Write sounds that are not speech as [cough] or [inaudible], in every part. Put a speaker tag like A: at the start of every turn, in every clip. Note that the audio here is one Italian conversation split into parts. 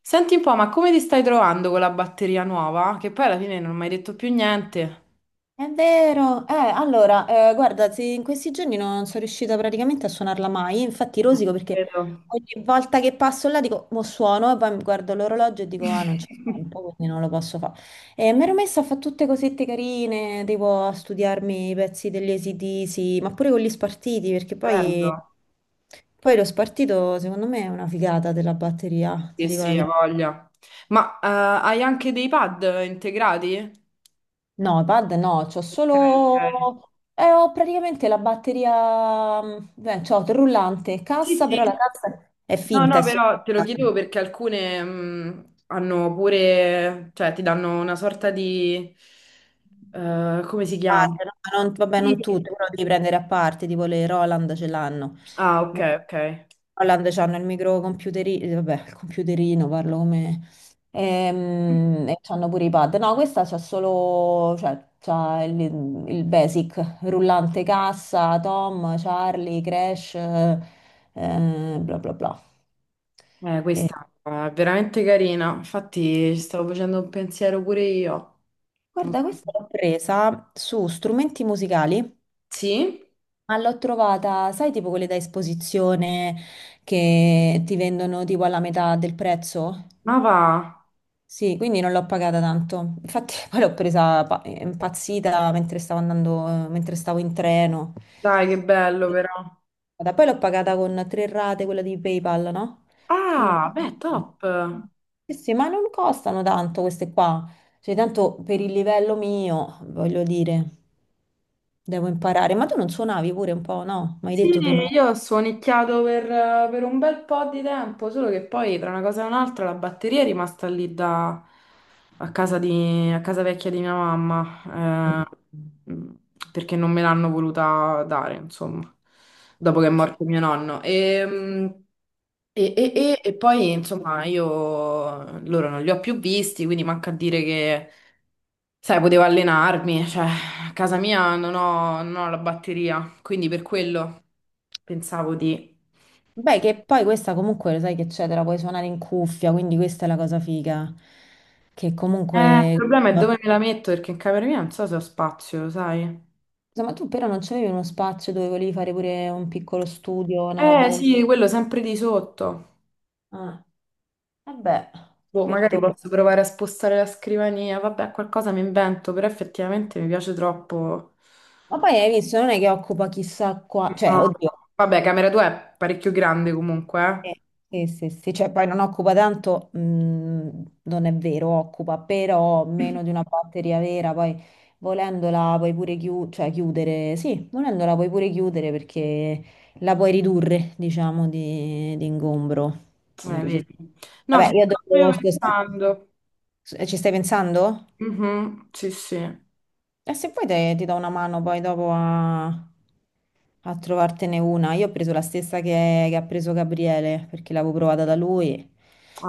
A: Senti un po', ma come ti stai trovando con la batteria nuova? Che poi alla fine non mi hai detto più niente.
B: È vero, allora, guarda, sì, in questi giorni non sono riuscita praticamente a suonarla mai, infatti rosico perché
A: Vero.
B: ogni volta che passo là dico, mo suono e poi mi guardo l'orologio e dico, ah, non c'è
A: [laughs]
B: tempo, quindi non lo posso fare. E mi ero messa a fare tutte cosette carine, tipo a studiarmi i pezzi degli ac ma pure con gli spartiti, perché poi,
A: Bello.
B: poi lo spartito secondo me è una figata della batteria, ti
A: Sì,
B: dico la
A: sì, ha
B: verità.
A: voglia. Ma hai anche dei pad integrati?
B: No, pad no, c'ho
A: Ok, ok.
B: solo... ho praticamente la batteria... beh, c'ho il rullante,
A: Sì,
B: cassa, però la
A: sì.
B: cassa è
A: No,
B: finta, è
A: no,
B: solo...
A: però te lo chiedevo perché alcune hanno pure, cioè ti danno una sorta di... come si chiama?
B: parte, no? Ma vabbè,
A: Sì.
B: non tutte, però devi prendere a parte, tipo le Roland ce l'hanno.
A: Ah, ok,
B: Le
A: ok.
B: Roland c'hanno il microcomputerino, vabbè, il computerino, parlo come... e c'hanno pure i pad. No, questa c'ha solo, cioè, il basic, rullante cassa, Tom, Charlie, Crash, bla bla bla. Eh,
A: Questa è veramente carina, infatti ci stavo facendo un pensiero pure io. Non
B: guarda,
A: so.
B: questa l'ho presa su strumenti musicali.
A: Sì?
B: Ma l'ho trovata, sai, tipo quelle da esposizione che ti vendono tipo alla metà del prezzo?
A: Ma va,
B: Sì, quindi non l'ho pagata tanto. Infatti, [laughs] poi l'ho presa impazzita mentre stavo andando, mentre stavo in treno.
A: dai che bello
B: Sì,
A: però.
B: poi l'ho pagata con tre rate, quella di PayPal, no? Quindi...
A: Ah, beh, top.
B: Sì, ma non costano tanto queste qua. Cioè, tanto per il livello mio, voglio dire, devo imparare. Ma tu non suonavi pure un po', no? Mi hai
A: Sì,
B: detto tu no.
A: io ho suonicchiato per un bel po' di tempo, solo che poi tra una cosa e un'altra la batteria è rimasta lì da, a casa a casa vecchia di mia mamma, mm, perché non me l'hanno voluta dare, insomma, dopo che è morto mio nonno. E poi, insomma, io loro non li ho più visti, quindi manca a dire che, sai, potevo allenarmi, [laughs] cioè, a casa mia non ho la batteria, quindi per quello pensavo di...
B: Beh, che poi questa comunque lo sai che c'è, te la puoi suonare in cuffia, quindi questa è la cosa figa. Che
A: Il
B: comunque...
A: problema è
B: Ma
A: dove me la metto, perché in camera mia non so se ho spazio, lo sai?
B: tu però non c'avevi uno spazio dove volevi fare pure un piccolo studio, una roba
A: Eh
B: del...
A: sì, quello sempre di sotto.
B: Ah, vabbè,
A: Boh, magari
B: perdono.
A: posso provare a spostare la scrivania, vabbè, qualcosa mi invento, però effettivamente mi piace troppo.
B: Ma poi hai visto, non è che occupa chissà qua... Cioè,
A: No.
B: oddio,
A: Vabbè, camera tua è parecchio grande
B: eh,
A: comunque,
B: sì, cioè poi non occupa tanto, non è vero, occupa però
A: eh? [laughs]
B: meno di una batteria vera, poi volendola puoi pure cioè, chiudere, sì, volendola puoi pure chiudere perché la puoi ridurre, diciamo, di ingombro. Quindi,
A: Vedi. No, ci
B: vabbè, io
A: stavo proprio
B: dopo, scusa,
A: pensando.
B: ci stai pensando?
A: Mhm, sì, sì.
B: E se poi ti do una mano poi dopo a trovartene una. Io ho preso la stessa che ha preso Gabriele perché l'avevo provata da lui.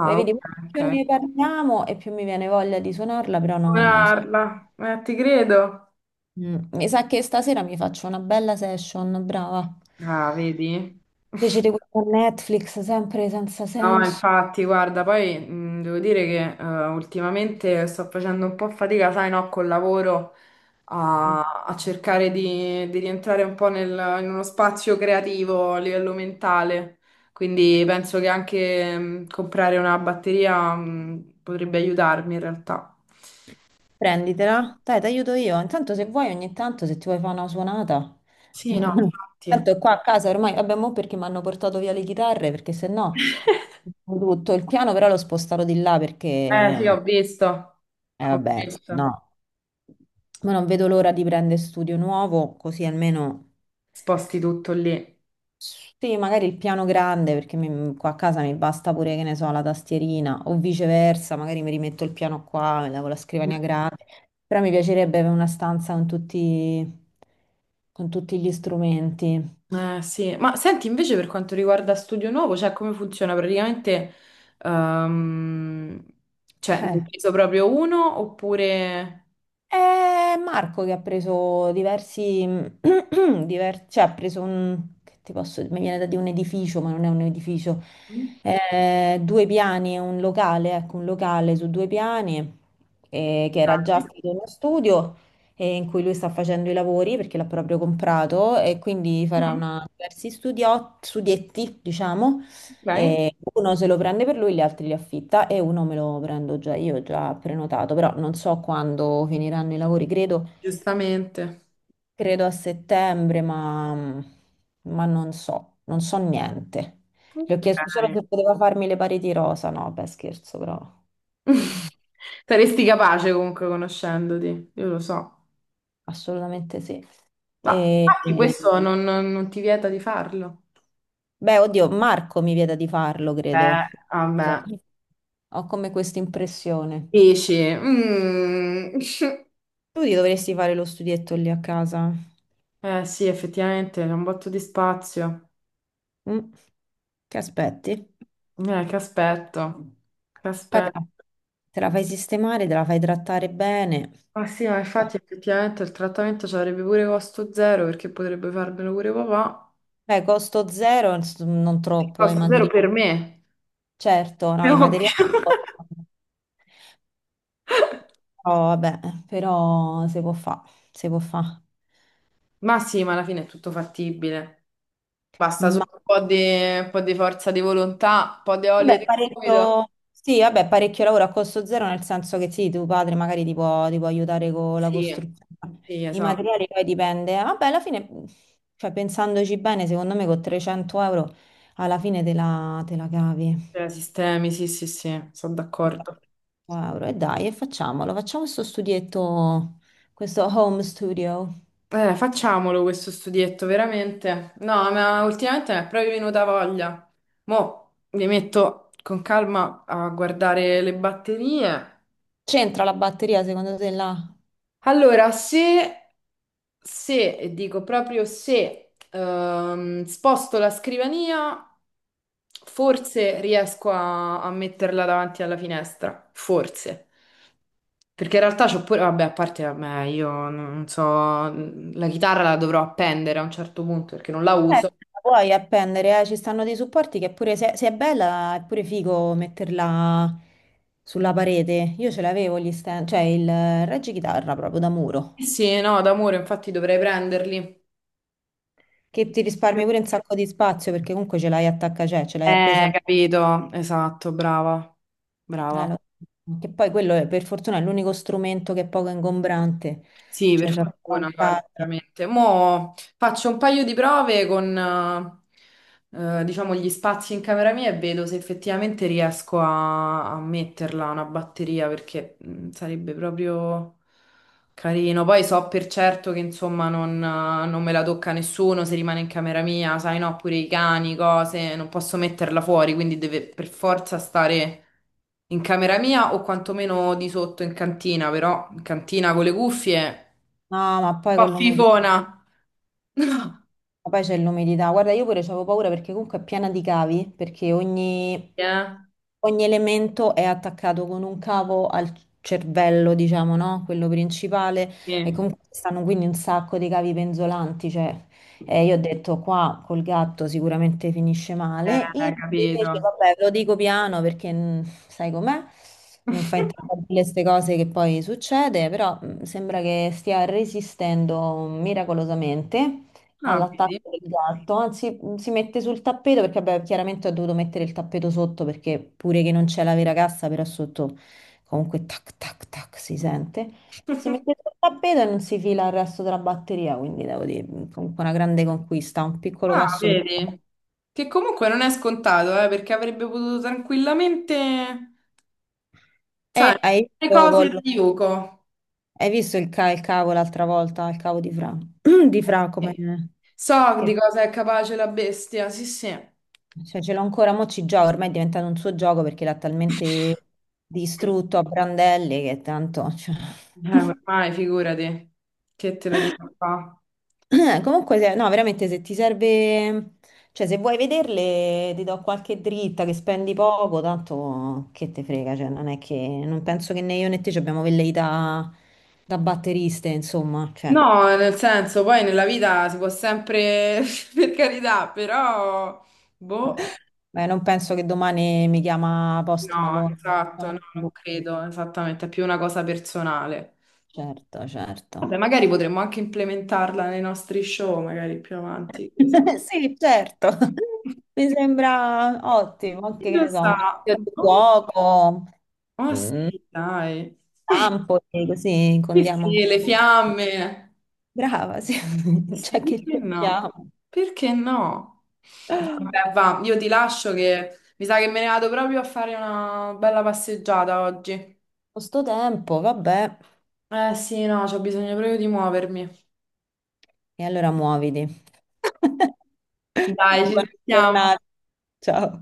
B: Poi
A: ok,
B: vedi,
A: ok.
B: più ne parliamo e più mi viene voglia di suonarla, però no, non so.
A: Comprarla. Ti credo.
B: Mi sa che stasera mi faccio una bella session, brava.
A: Ah, vedi?
B: Invece di questa Netflix sempre senza
A: No,
B: senso.
A: infatti, guarda, poi devo dire che ultimamente sto facendo un po' fatica, sai, no, col lavoro a cercare di rientrare un po' in uno spazio creativo a livello mentale. Quindi penso che anche comprare una batteria potrebbe aiutarmi in realtà.
B: Prenditela, dai, ti aiuto io. Intanto se vuoi ogni tanto, se ti vuoi fare una suonata.
A: Sì, no,
B: [laughs]
A: infatti.
B: Tanto qua a casa ormai, vabbè, mo perché mi hanno portato via le chitarre, perché se no, tutto il piano però l'ho spostato di là perché,
A: Eh sì, ho visto, ho
B: vabbè, no.
A: visto.
B: Ma non vedo l'ora di prendere studio nuovo, così almeno...
A: Sposti tutto lì.
B: Sì, magari il piano grande perché qua a casa mi basta pure, che ne so, la tastierina o viceversa, magari mi rimetto il piano qua, mi lavo la scrivania grande, però mi piacerebbe avere una stanza con tutti gli strumenti.
A: Sì, ma senti invece per quanto riguarda Studio Nuovo, cioè come funziona praticamente? ehm, cioè, ne hai
B: Eh.
A: preso proprio uno oppure...
B: È Marco che ha preso diversi, [clears throat] cioè ha preso un, che ti posso, mi viene da dire un edificio, ma non è un edificio,
A: Mm.
B: eh, due piani, è un locale, ecco, un locale su due piani, che era già
A: Ok.
B: stato uno studio, in cui lui sta facendo i lavori perché l'ha proprio comprato e quindi farà
A: Mhm.
B: una, diversi studietti, diciamo,
A: Ok.
B: e uno se lo prende per lui, gli altri li affitta e uno me lo prendo già io, già prenotato, però non so quando finiranno i lavori, credo,
A: Giustamente.
B: credo a settembre, ma non so, non so niente. Le ho
A: Ok.
B: chiesto solo se poteva farmi le pareti rosa, no, beh scherzo, però
A: [laughs] Saresti capace comunque conoscendoti, io lo so.
B: assolutamente sì.
A: Ma
B: E,
A: infatti
B: e-
A: questo non ti vieta di farlo.
B: beh, oddio, Marco mi vieta di farlo,
A: Beh,
B: credo. Non
A: vabbè.
B: so. Ho come questa impressione.
A: Dici, mm. [laughs]
B: Tu ti dovresti fare lo studietto lì a casa?
A: Eh sì, effettivamente c'è un botto di spazio.
B: Mm. Che aspetti?
A: Che aspetto, che
B: Poi
A: aspetto.
B: te la fai sistemare, te la fai trattare bene.
A: Ma sì, ma infatti effettivamente il trattamento ci avrebbe pure costo zero perché potrebbe farmelo pure papà.
B: Beh, costo zero, non
A: Che
B: troppo, ai
A: costo zero
B: materiali.
A: per me,
B: Certo,
A: è
B: no, i
A: ovvio.
B: materiali
A: [laughs]
B: costano. Però, vabbè, però si può fare, si può fare.
A: Ma sì, ma alla fine è tutto fattibile. Basta solo un po' di forza di volontà, un po' di olio
B: Beh,
A: di gomito.
B: parecchio, sì, vabbè, parecchio lavoro a costo zero, nel senso che sì, tuo padre magari ti può aiutare con la
A: Sì,
B: costruzione.
A: sì,
B: I materiali
A: esatto.
B: poi dipende. Vabbè, alla fine, cioè, pensandoci bene, secondo me con 300 euro alla fine te la cavi.
A: Cioè, sistemi, sì, sì, sì, sono
B: 300
A: d'accordo.
B: euro. E dai, e facciamolo, facciamo questo studietto, questo home studio.
A: Facciamolo questo studietto, veramente. No, ma ultimamente mi è proprio venuta voglia. Mo' mi metto con calma a guardare le batterie.
B: C'entra la batteria secondo te là?
A: Allora, se, se, e dico proprio se, sposto la scrivania, forse riesco a metterla davanti alla finestra. Forse. Perché in realtà c'ho pure, vabbè, a parte, vabbè, io non so, la chitarra la dovrò appendere a un certo punto perché non la uso.
B: La puoi appendere, ci stanno dei supporti che pure se è bella è pure figo metterla sulla parete. Io ce l'avevo gli stand, cioè il reggichitarra proprio da muro,
A: Eh sì, no, d'amore, infatti dovrei prenderli.
B: che ti risparmi pure un sacco di spazio perché comunque ce l'hai attacca, cioè ce l'hai appesa
A: Capito, esatto, brava,
B: eh,
A: brava.
B: lo- che poi quello per fortuna è l'unico strumento che è poco ingombrante,
A: Sì,
B: cioè
A: per
B: c'è il
A: fortuna, guarda,
B: vantaggio.
A: veramente. Mo' faccio un paio di prove con, diciamo, gli spazi in camera mia e vedo se effettivamente riesco a metterla una batteria perché mm, sarebbe proprio... Carino, poi so per certo che insomma non me la tocca nessuno se rimane in camera mia, sai no, pure i cani, cose, non posso metterla fuori, quindi deve per forza stare in camera mia o quantomeno di sotto in cantina, però in cantina con le cuffie,
B: No, ma poi
A: un
B: con
A: po'
B: l'umidità.
A: fifona. [laughs]
B: Ma poi c'è l'umidità. Guarda, io pure avevo paura perché comunque è piena di cavi, perché
A: Eh,
B: ogni elemento è attaccato con un cavo al cervello, diciamo, no? Quello principale. E
A: sì.
B: comunque ci stanno quindi un sacco di cavi penzolanti, cioè, io ho detto qua col gatto sicuramente finisce male. Invece,
A: Capito.
B: vabbè, lo dico piano perché sai com'è, non fa
A: [laughs]
B: intravedere queste cose che poi succede, però sembra che stia resistendo miracolosamente
A: Ah, vedi?
B: all'attacco del gatto, anzi si mette sul tappeto perché vabbè, chiaramente ho dovuto mettere il tappeto sotto perché pure che non c'è la vera cassa, però sotto comunque tac tac tac si sente. Si mette
A: [laughs]
B: sul tappeto e non si fila il resto della batteria, quindi devo dire comunque una grande conquista, un piccolo
A: Ah,
B: passo per...
A: vedi? Che comunque non è scontato, perché avrebbe potuto tranquillamente...
B: E
A: Sai,
B: hai
A: le
B: visto,
A: cose da Yuko.
B: hai visto il, il cavo l'altra volta, il cavo di Fra, [clears throat] di Fra come...
A: Sì. So di
B: Che
A: cosa è capace la bestia, sì, sì.
B: cioè, ce l'ho ancora, mo ci gioco, ormai è diventato un suo gioco perché l'ha talmente distrutto a brandelli che tanto... cioè.
A: Ormai figurati, che te lo dico qua.
B: [laughs] Comunque, no, veramente se ti serve... Cioè, se vuoi vederle, ti do qualche dritta che spendi poco, tanto che te frega, cioè, non è che... Non penso che né io né te ci abbiamo velleità da batteriste, insomma, cioè...
A: No, nel senso, poi nella vita si può sempre, [laughs] per carità, però, boh,
B: [laughs] Beh, non penso che domani mi chiama Post
A: no,
B: Malone.
A: esatto, no, non credo, esattamente, è più una cosa personale.
B: Certo, certo.
A: Vabbè, magari potremmo anche implementarla nei nostri show, magari più avanti, chi lo sa.
B: [laughs] Sì, certo,
A: [laughs]
B: mi sembra ottimo,
A: Chi
B: anche che
A: lo
B: ne so,
A: sa?
B: un sito di
A: Boh.
B: fuoco,
A: Ah
B: un
A: sì, dai.
B: campo, e così
A: Sì,
B: condiamo un
A: sì, le
B: po'.
A: fiamme.
B: Brava, sì, [laughs]
A: Sì,
B: già che
A: perché
B: ci
A: no?
B: siamo.
A: Perché no?
B: Con
A: Vabbè, va, io ti lascio che mi sa che me ne vado proprio a fare una bella passeggiata oggi.
B: sto tempo, vabbè,
A: Eh sì, no, c'ho bisogno proprio di muovermi.
B: e allora muoviti. [laughs]
A: Dai, ci
B: Buona
A: sentiamo.
B: giornata, ciao.